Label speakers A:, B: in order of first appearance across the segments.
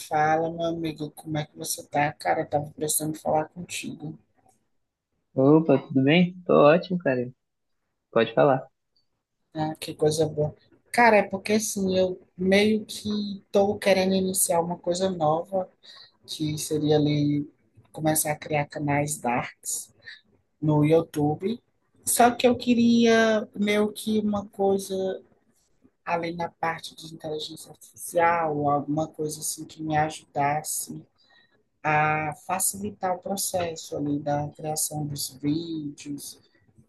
A: Fala, meu amigo, como é que você tá? Cara, eu tava precisando falar contigo.
B: Opa, tudo bem? Tô ótimo, cara. Pode falar.
A: Ah, que coisa boa. Cara, é porque assim, eu meio que tô querendo iniciar uma coisa nova, que seria ali começar a criar canais darks no YouTube. Só que eu queria meio que uma coisa além na parte de inteligência artificial, alguma coisa assim que me ajudasse a facilitar o processo ali da criação dos vídeos.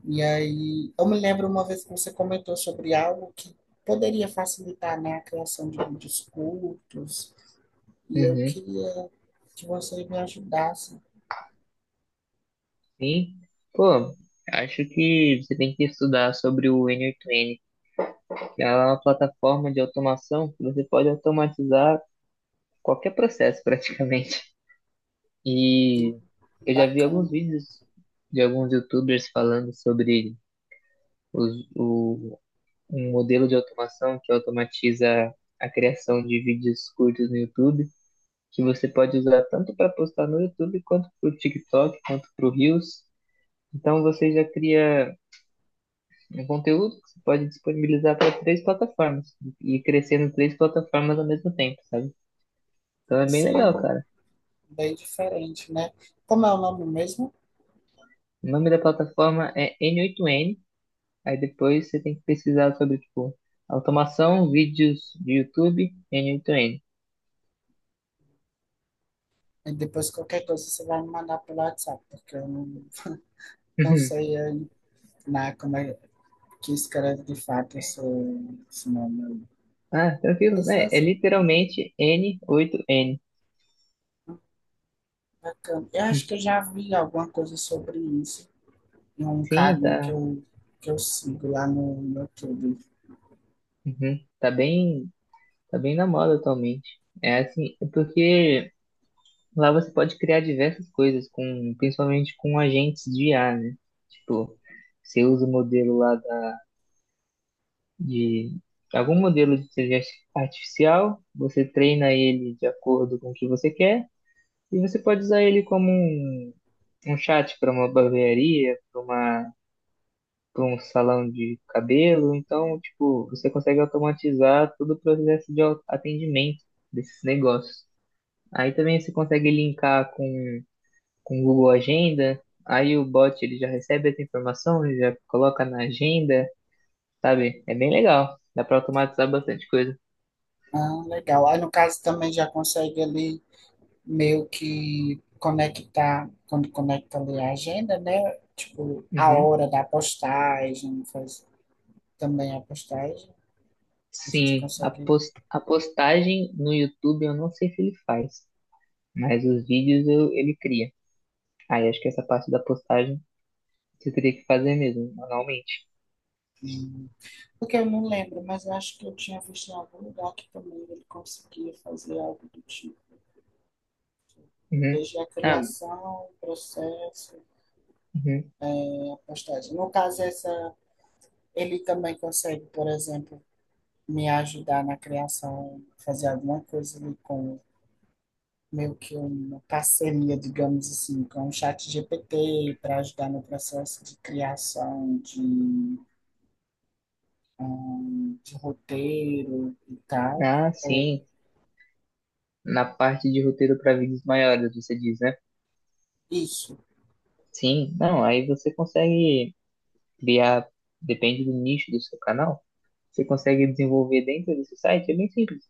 A: E aí, eu me lembro uma vez que você comentou sobre algo que poderia facilitar, né, a criação de vídeos curtos, e eu
B: Uhum.
A: queria que você me ajudasse.
B: Sim. Pô, acho que você tem que estudar sobre o N8N, que ela é uma plataforma de automação que você pode automatizar qualquer processo praticamente.
A: E
B: E eu já vi alguns
A: bacana.
B: vídeos de alguns YouTubers falando sobre os- o, um modelo de automação que automatiza a criação de vídeos curtos no YouTube, que você pode usar tanto para postar no YouTube, quanto para o TikTok, quanto para o Reels. Então você já cria um conteúdo que você pode disponibilizar para três plataformas e crescer em três plataformas ao mesmo tempo, sabe? Então é bem legal,
A: Sim,
B: cara.
A: bem diferente, né? Como é o nome mesmo?
B: O nome da plataforma é N8N, aí depois você tem que pesquisar sobre, tipo, automação, vídeos de YouTube, N8N.
A: E depois qualquer coisa você vai me mandar pelo WhatsApp, porque eu não, não sei aí, né, como é que escreve de fato esse nome aí.
B: Ah, tranquilo,
A: Mas,
B: né? É
A: nossa,
B: literalmente N8N.
A: bacana. Eu acho que eu já vi alguma coisa sobre isso. É um
B: Sim,
A: carinha
B: tá.
A: que eu sigo lá no YouTube.
B: Uhum. Tá bem. Tá bem na moda atualmente. É assim, é porque lá você pode criar diversas coisas, principalmente com agentes de IA, né? Tipo, você usa o modelo lá de algum modelo de inteligência artificial, você treina ele de acordo com o que você quer, e você pode usar ele como um chat para uma barbearia, para um salão de cabelo. Então, tipo, você consegue automatizar todo o processo de atendimento desses negócios. Aí também você consegue linkar com o Google Agenda, aí o bot ele já recebe essa informação, ele já coloca na agenda, sabe? É bem legal, dá para automatizar bastante coisa.
A: Ah, legal. Aí, no caso, também já consegue ali meio que conectar, quando conecta ali a agenda, né? Tipo, a
B: Uhum.
A: hora da postagem, faz também a postagem, a gente
B: Sim,
A: consegue.
B: a postagem no YouTube eu não sei se ele faz, mas os vídeos ele cria. Aí acho que essa parte da postagem você teria que fazer mesmo, manualmente.
A: Hum, porque eu não lembro, mas eu acho que eu tinha visto em algum lugar que também ele conseguia fazer algo do tipo.
B: Uhum.
A: Desde a
B: Ah,
A: criação, o processo,
B: uhum.
A: a postagem. No caso, essa, ele também consegue, por exemplo, me ajudar na criação, fazer alguma coisa ali com meio que uma parceria, digamos assim, com o chat GPT para ajudar no processo de criação de roteiro e tal,
B: Ah,
A: ou
B: sim, na parte de roteiro para vídeos maiores, você diz, né?
A: isso,
B: Sim, não, aí você consegue criar, depende do nicho do seu canal, você consegue desenvolver dentro desse site, é bem simples.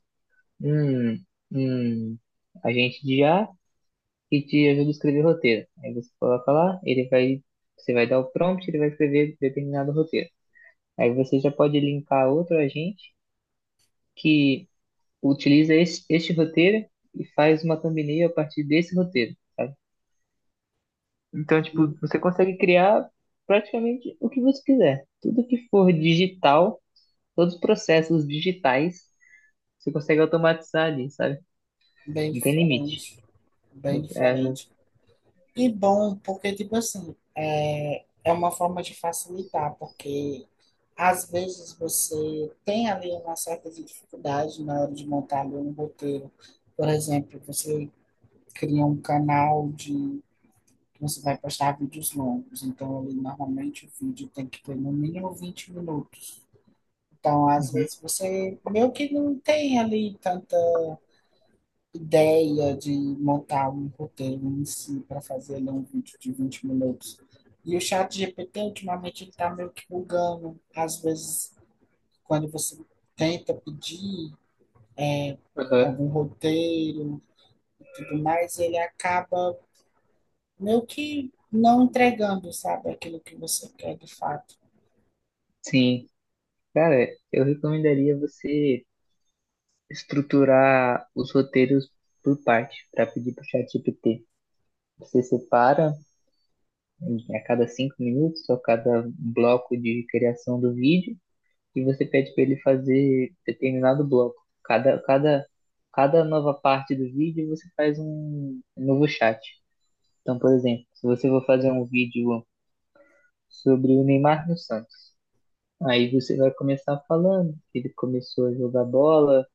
B: Hum, hum, agente de IA que te ajuda a escrever roteiro. Aí você coloca lá, ele vai, você vai dar o prompt, ele vai escrever determinado roteiro. Aí você já pode linkar outro agente que utiliza este roteiro e faz uma thumbnail a partir desse roteiro, sabe? Então, tipo,
A: hum,
B: você consegue criar praticamente o que você quiser. Tudo que for digital Todos os processos digitais você consegue automatizar ali, sabe?
A: bem
B: Não tem limite.
A: diferente, bem
B: É.
A: diferente. E bom, porque, tipo assim, é uma forma de facilitar, porque às vezes você tem ali uma certa dificuldade na hora de montar ali um roteiro. Por exemplo, você cria um canal de que você vai postar vídeos longos, então ali normalmente o vídeo tem que ter no mínimo 20 minutos. Então, às
B: Uhum.
A: vezes você meio que não tem ali tanto ideia de montar um roteiro em si para fazer ali um vídeo de 20 minutos. E o chat GPT, ultimamente, ele está meio que bugando. Às vezes, quando você tenta pedir é,
B: Aham.
A: algum roteiro e tudo mais, ele acaba meio que não entregando, sabe, aquilo que você quer de fato.
B: Sim. Cara, eu recomendaria você estruturar os roteiros por parte, para pedir para o ChatGPT. Você separa a cada 5 minutos ou cada bloco de criação do vídeo e você pede para ele fazer determinado bloco. Cada, cada, cada nova parte do vídeo você faz um novo chat. Então, por exemplo, se você for fazer um vídeo sobre o Neymar no Santos, aí você vai começar falando que ele começou a jogar bola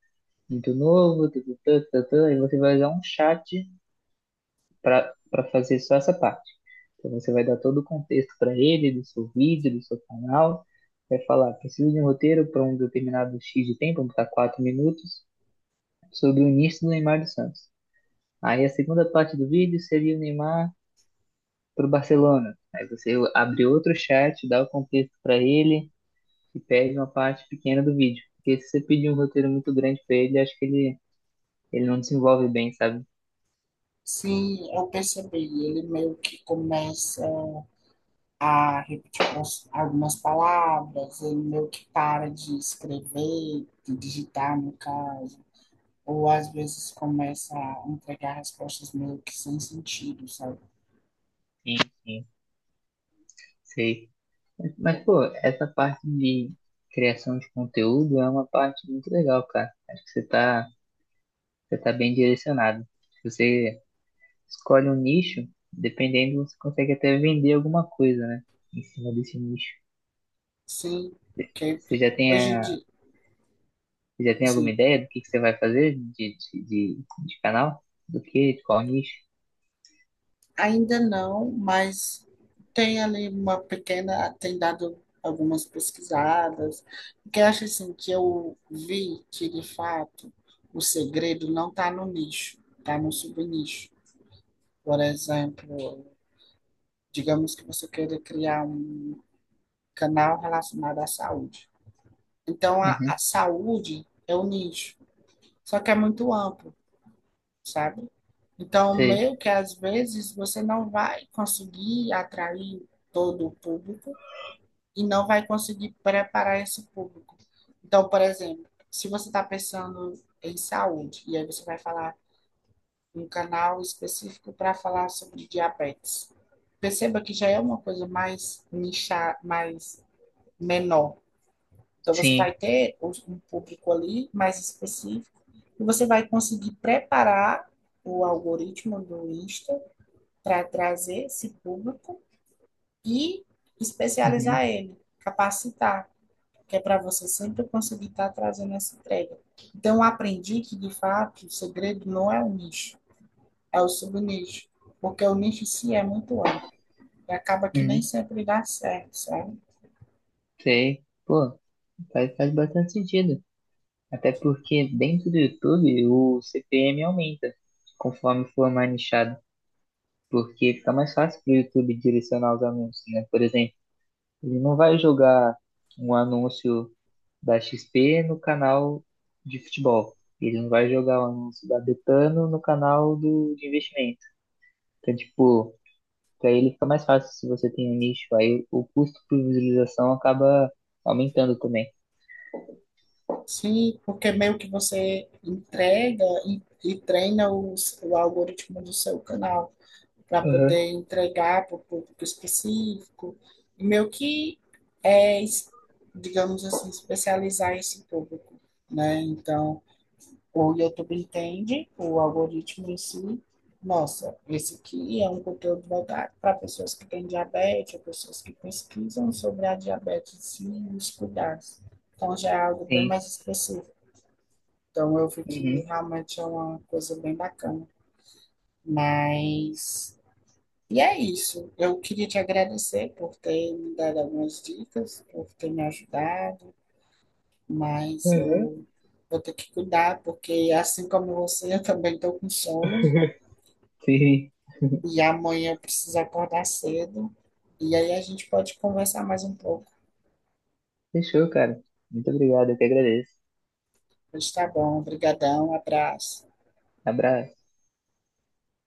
B: muito novo, tututã, tututã, aí você vai usar um chat para fazer só essa parte. Então, você vai dar todo o contexto para ele, do seu vídeo, do seu canal, vai falar, preciso de um roteiro para um determinado X de tempo, vamos botar 4 minutos, sobre o início do Neymar do Santos. Aí a segunda parte do vídeo seria o Neymar pro Barcelona. Aí você abre outro chat, dá o contexto para ele e pede uma parte pequena do vídeo. Porque se você pedir um roteiro muito grande para ele, acho que ele não desenvolve bem, sabe?
A: Sim, eu percebi. Ele meio que começa a repetir pras- algumas palavras, ele meio que para de escrever, de digitar, no caso, ou às vezes começa a entregar respostas meio que sem sentido, sabe?
B: Sim, sei. Mas, pô, essa parte de criação de conteúdo é uma parte muito legal, cara. Acho que você tá bem direcionado. Se você escolhe um nicho, dependendo, você consegue até vender alguma coisa, né? Em cima desse nicho.
A: Sim, porque
B: Você já tem
A: hoje em
B: a,
A: dia,
B: Você já tem alguma
A: assim,
B: ideia do que você vai fazer de canal? Do que? De qual nicho?
A: ainda não, mas tem ali uma pequena, tem dado algumas pesquisadas, porque eu acho assim que eu vi que, de fato, o segredo não está no nicho, está no subnicho. Por exemplo, digamos que você queira criar um canal relacionado à saúde. Então, a
B: Uhum,
A: saúde é o nicho, só que é muito amplo, sabe? Então,
B: sei.
A: meio que às vezes você não vai conseguir atrair todo o público e não vai conseguir preparar esse público. Então, por exemplo, se você está pensando em saúde, e aí você vai falar um canal específico para falar sobre diabetes. Perceba que já é uma coisa mais nichar, mais menor. Então você
B: Sim.
A: vai ter um público ali mais específico e você vai conseguir preparar o algoritmo do Insta para trazer esse público e
B: Uhum,
A: especializar ele, capacitar, que é para você sempre conseguir estar tá trazendo essa entrega. Então eu aprendi que de fato o segredo não é o nicho, é o subnicho, porque o nicho em si é muito amplo e acaba que nem
B: uhum,
A: sempre dá certo, sabe?
B: sei. Pô, faz bastante sentido. Até porque dentro do YouTube o CPM aumenta conforme for mais nichado. Porque fica mais fácil pro YouTube direcionar os anúncios, né? Por exemplo, ele não vai jogar um anúncio da XP no canal de futebol. Ele não vai jogar um anúncio da Betano no canal de investimento. Então, tipo, para ele fica mais fácil se você tem um nicho, aí o custo por visualização acaba aumentando também.
A: Sim, porque meio que você entrega e treina o algoritmo do seu canal para
B: Aham.
A: poder entregar para o público específico e meio que é, es- digamos assim, especializar esse público, né? Então, o YouTube entende, o algoritmo em si, nossa, esse aqui é um conteúdo voltado para pessoas que têm diabetes, ou pessoas que pesquisam sobre a diabetes si e os cuidados. Então, já é algo bem
B: Sim.
A: mais específico. Então, eu vi que
B: Uhum.
A: realmente é uma coisa bem bacana. Mas, e é isso. Eu queria te agradecer por ter me dado algumas dicas, por ter me ajudado, mas
B: Aham.
A: eu vou ter que cuidar, porque assim como você, eu também estou com sono.
B: Sim.
A: E amanhã eu preciso acordar cedo. E aí a gente pode conversar mais um pouco.
B: Fechou, cara. Muito obrigado, eu que agradeço.
A: Mas tá bom. Obrigadão. Abraço.
B: Abraço.